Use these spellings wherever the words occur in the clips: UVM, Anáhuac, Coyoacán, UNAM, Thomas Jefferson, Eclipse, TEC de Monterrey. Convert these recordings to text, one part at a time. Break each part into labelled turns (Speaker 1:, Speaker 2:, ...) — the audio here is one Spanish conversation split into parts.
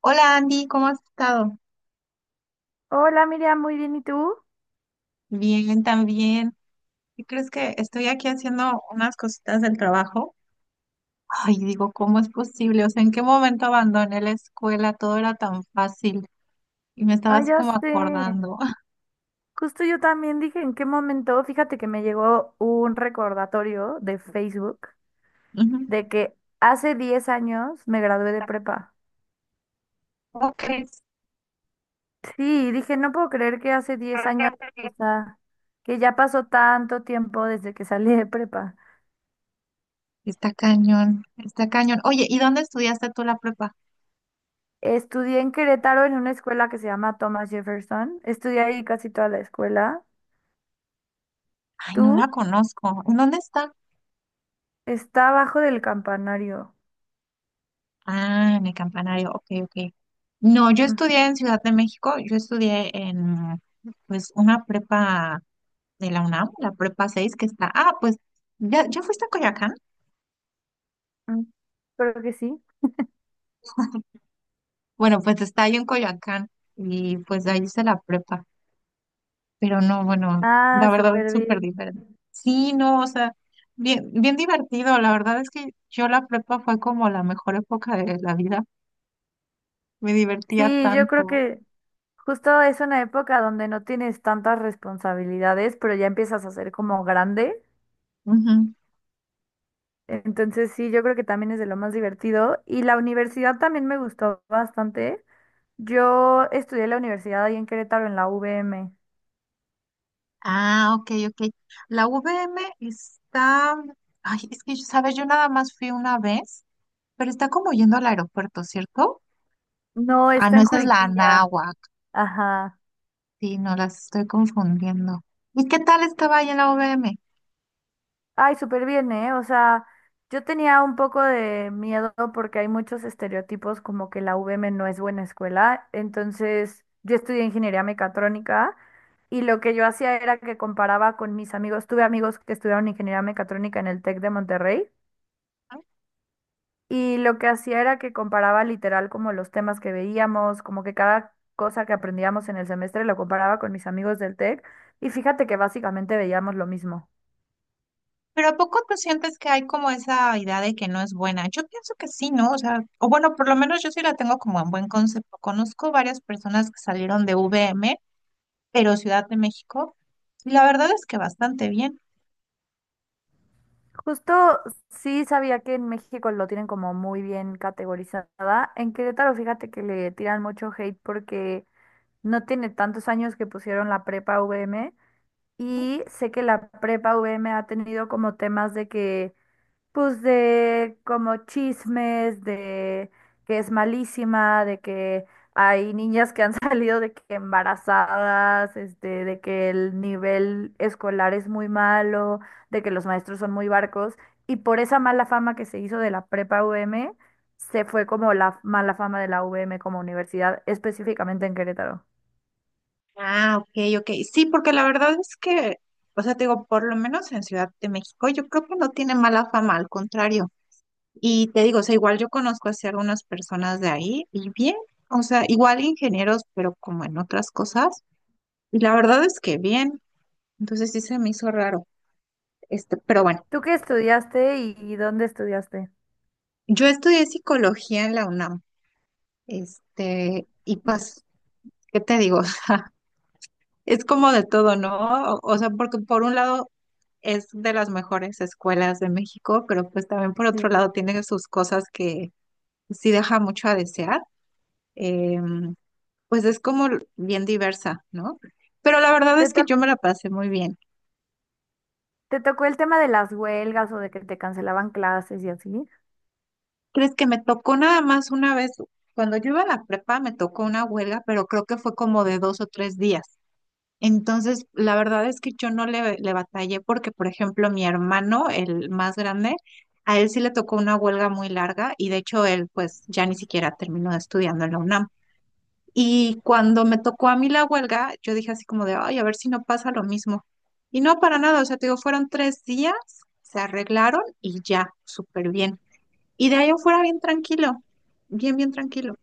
Speaker 1: Hola Andy, ¿cómo has estado?
Speaker 2: Hola Miriam, muy bien, ¿y tú?
Speaker 1: Bien, también. ¿Y crees que estoy aquí haciendo unas cositas del trabajo? Ay, digo, ¿cómo es posible? O sea, ¿en qué momento abandoné la escuela? Todo era tan fácil y me estaba
Speaker 2: Ay,
Speaker 1: así
Speaker 2: ya
Speaker 1: como
Speaker 2: sé.
Speaker 1: acordando.
Speaker 2: Justo yo también dije en qué momento, fíjate que me llegó un recordatorio de Facebook
Speaker 1: Ujú.
Speaker 2: de que hace 10 años me gradué de prepa.
Speaker 1: ¿Cómo crees?
Speaker 2: Sí, dije, no puedo creer que hace 10 años, o sea, que ya pasó tanto tiempo desde que salí de prepa.
Speaker 1: Está cañón, está cañón. Oye, ¿y dónde estudiaste tú la prepa?
Speaker 2: Estudié en Querétaro en una escuela que se llama Thomas Jefferson. Estudié ahí casi toda la escuela.
Speaker 1: Ay, no la
Speaker 2: ¿Tú?
Speaker 1: conozco. ¿En dónde está?
Speaker 2: Está abajo del campanario.
Speaker 1: Ah, en el campanario. Ok, ok. No, yo estudié en Ciudad de México. Yo estudié en, pues, una prepa. De la UNAM, la Prepa 6 que está. Ah, pues, ¿Ya fuiste a Coyoacán?
Speaker 2: Ujú. Creo que sí.
Speaker 1: Bueno, pues está ahí en Coyoacán y pues ahí hice la prepa. Pero no, bueno,
Speaker 2: Ah,
Speaker 1: la verdad es
Speaker 2: súper
Speaker 1: súper
Speaker 2: bien.
Speaker 1: diferente. Sí, no, o sea, bien, bien divertido. La verdad es que yo la prepa fue como la mejor época de la vida. Me divertía
Speaker 2: Sí, yo creo
Speaker 1: tanto.
Speaker 2: que justo es una época donde no tienes tantas responsabilidades, pero ya empiezas a ser como grande.
Speaker 1: Ujú.
Speaker 2: Entonces sí, yo creo que también es de lo más divertido. Y la universidad también me gustó bastante. Yo estudié en la universidad ahí en Querétaro, en la U V M.
Speaker 1: Ah, ok, ok. La VM está. Ay, es que, ¿sabes? Yo nada más fui una vez, pero está como yendo al aeropuerto, ¿cierto?
Speaker 2: No,
Speaker 1: Ah,
Speaker 2: está
Speaker 1: no,
Speaker 2: en
Speaker 1: esa es la
Speaker 2: Juriquilla.
Speaker 1: Anáhuac.
Speaker 2: Ajá.
Speaker 1: Sí, no las estoy confundiendo. ¿Y qué tal estaba ahí en la U V M?
Speaker 2: Ay, súper bien, ¿eh? O sea, yo tenía un poco de miedo porque hay muchos estereotipos como que la UVM no es buena escuela. Entonces, yo estudié ingeniería mecatrónica y lo que yo hacía era que comparaba con mis amigos. Tuve amigos que estudiaron ingeniería mecatrónica en el TEC de Monterrey y lo que hacía era que comparaba literal como los temas que veíamos, como que cada cosa que aprendíamos en el semestre lo comparaba con mis amigos del TEC y fíjate que básicamente veíamos lo mismo.
Speaker 1: Pero ¿a poco tú sientes que hay como esa idea de que no es buena? Yo pienso que sí, ¿no? O sea, o bueno, por lo menos yo sí la tengo como en buen concepto. Conozco varias personas que salieron de U V M, pero Ciudad de México, y la verdad es que bastante bien.
Speaker 2: Justo sí sabía que en México lo tienen como muy bien categorizada. En Querétaro, fíjate que le tiran mucho hate porque no tiene tantos años que pusieron la prepa VM y sé que la prepa VM ha tenido como temas de que, pues, de como chismes, de que es malísima, de que hay niñas que han salido de que embarazadas, de que el nivel escolar es muy malo, de que los maestros son muy barcos, y por esa mala fama que se hizo de la prepa U M se fue como la mala fama de la U M como universidad, específicamente en Querétaro.
Speaker 1: Ah, ok, ok. Sí, porque la verdad es que, o sea, te digo, por lo menos en Ciudad de México, yo creo que no tiene mala fama, al contrario. Y te digo, o sea, igual yo conozco así algunas personas de ahí y bien, o sea, igual ingenieros, pero como en otras cosas. Y la verdad es que bien, entonces sí se me hizo raro. Este, pero bueno,
Speaker 2: ¿Tú qué estudiaste y dónde estudiaste?
Speaker 1: yo estudié psicología en la UNAM, este, y pues, ¿qué te digo? O sea, es como de todo, ¿no? O sea, porque por un lado es de las mejores escuelas de México, pero pues también por
Speaker 2: Sí.
Speaker 1: otro lado tiene sus cosas que sí deja mucho a desear. Em, pues es como bien diversa, ¿no? Pero la verdad
Speaker 2: ¿Te,
Speaker 1: es
Speaker 2: to-
Speaker 1: que yo me la pasé muy bien.
Speaker 2: Te tocó el tema de las huelgas o de que te cancelaban clases y así?
Speaker 1: ¿Crees que me tocó nada más una vez? Cuando yo iba a la prepa me tocó una huelga, pero creo que fue como de 2 o 3 días. Entonces, la verdad es que yo no le batallé porque, por ejemplo, mi hermano, el más grande, a él sí le tocó una huelga muy larga y de hecho él pues ya ni siquiera terminó estudiando en la UNAM. Y cuando me tocó a mí la huelga, yo dije así como de, ay, a ver si no pasa lo mismo. Y no para nada, o sea, te digo, fueron 3 días, se arreglaron y ya, súper bien. Y de ahí afuera bien tranquilo, bien, bien tranquilo.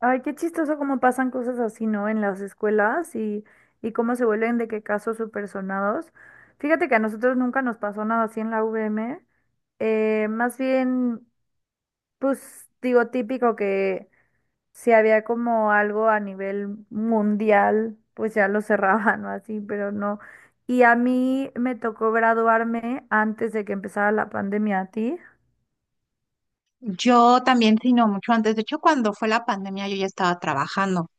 Speaker 2: Ay, qué chistoso cómo pasan cosas así, ¿no? En las escuelas y cómo se vuelven de qué casos supersonados. Fíjate que a nosotros nunca nos pasó nada así en la UVM. Más bien, pues digo, típico que si había como algo a nivel mundial, pues ya lo cerraban o así, pero no. Y a mí me tocó graduarme antes de que empezara la pandemia, ¿a ti?
Speaker 1: Yo también, sí, no, mucho antes. De hecho, cuando fue la pandemia, yo ya estaba trabajando.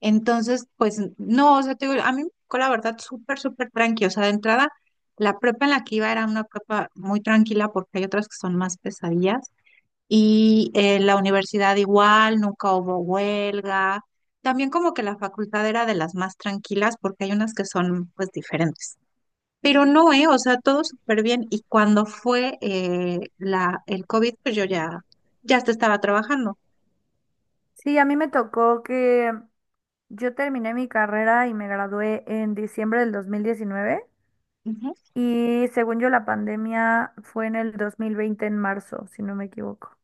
Speaker 1: Entonces, pues, no, o sea, te digo, a mí me tocó la verdad súper, súper tranqui. O sea, de entrada, la prepa en la que iba era una prepa muy tranquila porque hay otras que son más pesadillas. Y en la universidad igual, nunca hubo huelga. También como que la facultad era de las más tranquilas porque hay unas que son pues diferentes. Pero no, ¿eh? O sea, todo súper bien. Y cuando fue el COVID, pues yo ya, hasta estaba trabajando.
Speaker 2: Sí, a mí me tocó que yo terminé mi carrera y me gradué en diciembre del 2019
Speaker 1: Ujú.
Speaker 2: y según yo la pandemia fue en el 2020 en marzo, si no me equivoco.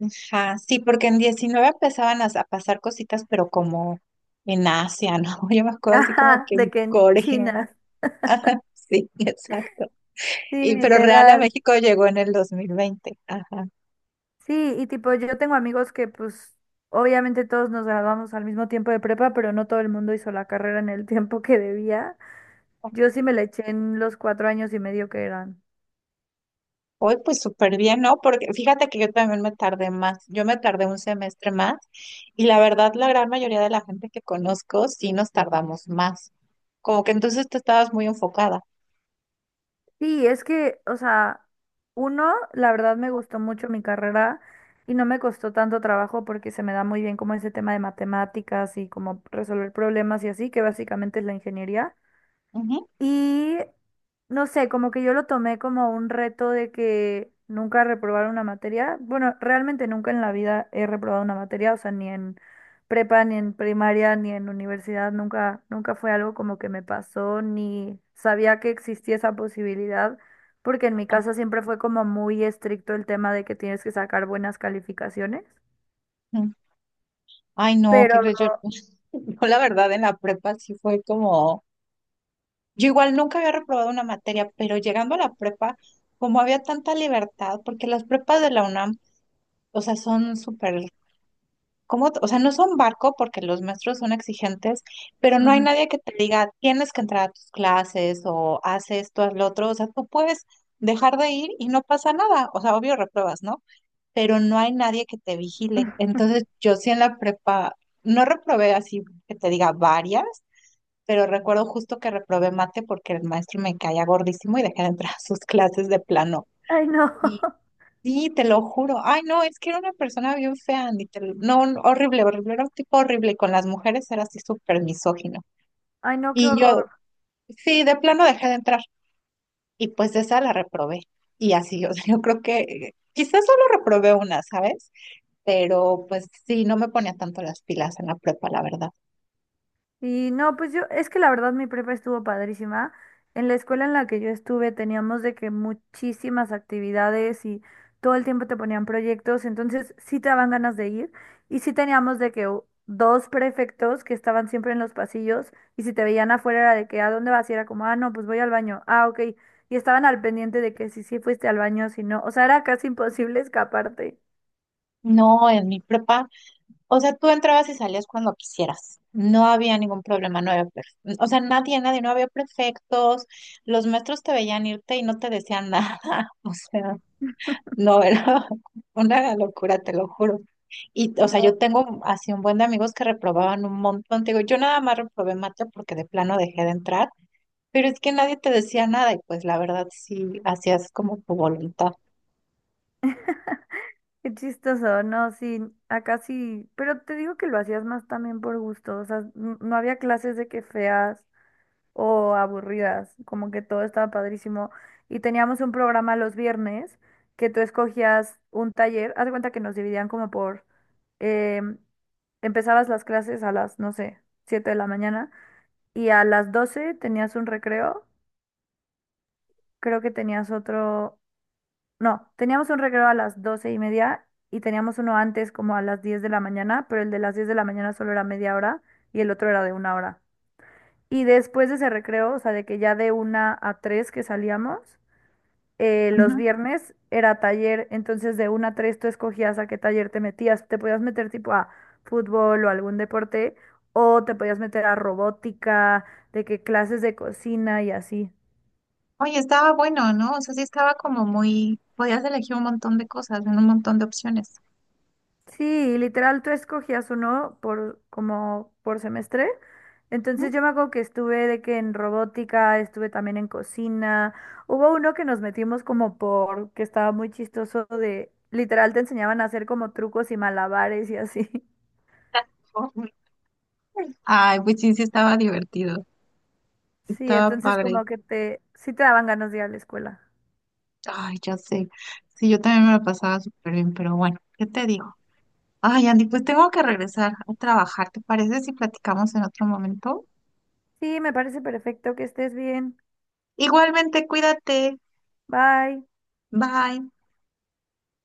Speaker 1: Ajá, sí, porque en 19 empezaban a pasar cositas, pero como en Asia, ¿no? Yo me acuerdo así como
Speaker 2: Ajá,
Speaker 1: que
Speaker 2: de
Speaker 1: en
Speaker 2: que en
Speaker 1: Corea.
Speaker 2: China.
Speaker 1: Sí, exacto.
Speaker 2: Sí,
Speaker 1: Y, pero real a
Speaker 2: literal.
Speaker 1: México llegó en el 2020. Ajá.
Speaker 2: Sí, y tipo, yo tengo amigos que pues obviamente todos nos graduamos al mismo tiempo de prepa, pero no todo el mundo hizo la carrera en el tiempo que debía. Yo sí me la eché en los 4 años y medio que eran.
Speaker 1: Hoy pues súper bien, ¿no? Porque fíjate que yo también me tardé más, yo me tardé un semestre más y la verdad la gran mayoría de la gente que conozco sí nos tardamos más. Como que entonces tú estabas muy enfocada.
Speaker 2: Sí, es que, o sea, uno, la verdad me gustó mucho mi carrera y no me costó tanto trabajo porque se me da muy bien como ese tema de matemáticas y como resolver problemas y así, que básicamente es la ingeniería.
Speaker 1: Ujú.
Speaker 2: Y no sé, como que yo lo tomé como un reto de que nunca reprobar una materia. Bueno, realmente nunca en la vida he reprobado una materia, o sea, ni en prepa, ni en primaria, ni en universidad, nunca, nunca fue algo como que me pasó, ni sabía que existía esa posibilidad, porque en mi casa siempre fue como muy estricto el tema de que tienes que sacar buenas calificaciones.
Speaker 1: Ujú. Ay, no, ¿qué
Speaker 2: Pero,
Speaker 1: crees? Yo, yo la verdad en la prepa sí fue como, yo igual nunca había reprobado una materia, pero llegando a la prepa, como había tanta libertad, porque las prepas de la UNAM, o sea, son súper como, o sea, no son barco porque los maestros son exigentes, pero no hay
Speaker 2: ujú.
Speaker 1: nadie que te diga, tienes que entrar a tus clases o haz esto, haz lo otro, o sea, tú puedes dejar de ir y no pasa nada, o sea, obvio repruebas, ¿no? Pero no hay nadie que te vigile. Entonces, yo sí en la prepa, no reprobé así que te diga varias, pero recuerdo justo que reprobé mate porque el maestro me caía gordísimo y dejé de entrar a sus clases de plano.
Speaker 2: Ay, no.
Speaker 1: Sí, te lo juro. Ay, no, es que era una persona bien fea, ni te lo- no, no, horrible, horrible, era un tipo horrible. Y con las mujeres era así súper misógino.
Speaker 2: Ay, no, qué
Speaker 1: Y yo,
Speaker 2: horror.
Speaker 1: sí, de plano dejé de entrar. Y pues de esa la reprobé. Y así, o sea, yo creo que quizás solo reprobé una, ¿sabes? Pero pues sí, no me ponía tanto las pilas en la prepa, la verdad.
Speaker 2: Y no, pues yo, es que la verdad mi prepa estuvo padrísima. En la escuela en la que yo estuve teníamos de que muchísimas actividades y todo el tiempo te ponían proyectos, entonces sí te daban ganas de ir. Y sí teníamos de que dos prefectos que estaban siempre en los pasillos y si te veían afuera era de que ¿a dónde vas? Y era como, ah, no, pues voy al baño. Ah, ok. Y estaban al pendiente de que si sí fuiste al baño, si no. O sea, era casi imposible escaparte.
Speaker 1: No, en mi prepa. O sea, tú entrabas y salías cuando quisieras. No había ningún problema, no había, o sea, nadie, nadie, no había prefectos. Los maestros te veían irte y no te decían nada. O sea, no era una locura, te lo juro. Y, o sea,
Speaker 2: No.
Speaker 1: yo tengo así un buen de amigos que reprobaban un montón. Te digo, yo nada más reprobé mate porque de plano dejé de entrar, pero es que nadie te decía nada y pues la verdad sí hacías como tu voluntad.
Speaker 2: Qué chistoso, no, sí, acá sí, pero te digo que lo hacías más también por gusto, o sea, no había clases de que feas o aburridas, como que todo estaba padrísimo. Y teníamos un programa los viernes que tú escogías un taller, haz de cuenta que nos dividían como em, empezabas las clases a las, no sé, 7 de la mañana y a las 12 tenías un recreo, creo que tenías otro. No, teníamos un recreo a las 12 y media y teníamos uno antes como a las 10 de la mañana, pero el de las 10 de la mañana solo era media hora y el otro era de una hora. Y después de ese recreo, o sea, de que ya de una a tres que salíamos, los viernes era taller, entonces de una a tres tú escogías a qué taller te metías. Te podías meter tipo a fútbol o algún deporte, o te podías meter a robótica, de que clases de cocina y así.
Speaker 1: Oye, estaba bueno, ¿no? O sea, sí estaba como muy, podías elegir un montón de cosas, en un montón de opciones.
Speaker 2: Sí, literal, tú escogías uno por como por semestre.
Speaker 1: ¿Mm?
Speaker 2: Entonces yo me acuerdo que estuve de que en robótica, estuve también en cocina. Hubo uno que nos metimos como por, que estaba muy chistoso de, literal te enseñaban a hacer como trucos y malabares y así.
Speaker 1: Ujú. Ay, pues sí, sí estaba divertido,
Speaker 2: Sí,
Speaker 1: estaba
Speaker 2: entonces
Speaker 1: padre.
Speaker 2: como que te, sí te daban ganas de ir a la escuela.
Speaker 1: Ay, ya sé. Sí, yo también me lo pasaba súper bien, pero bueno, ¿qué te digo? Ay, Andy, pues tengo que regresar a trabajar. ¿Te parece si platicamos en otro momento?
Speaker 2: Sí, me parece perfecto que estés bien.
Speaker 1: Igualmente, cuídate.
Speaker 2: Bye.
Speaker 1: Bye.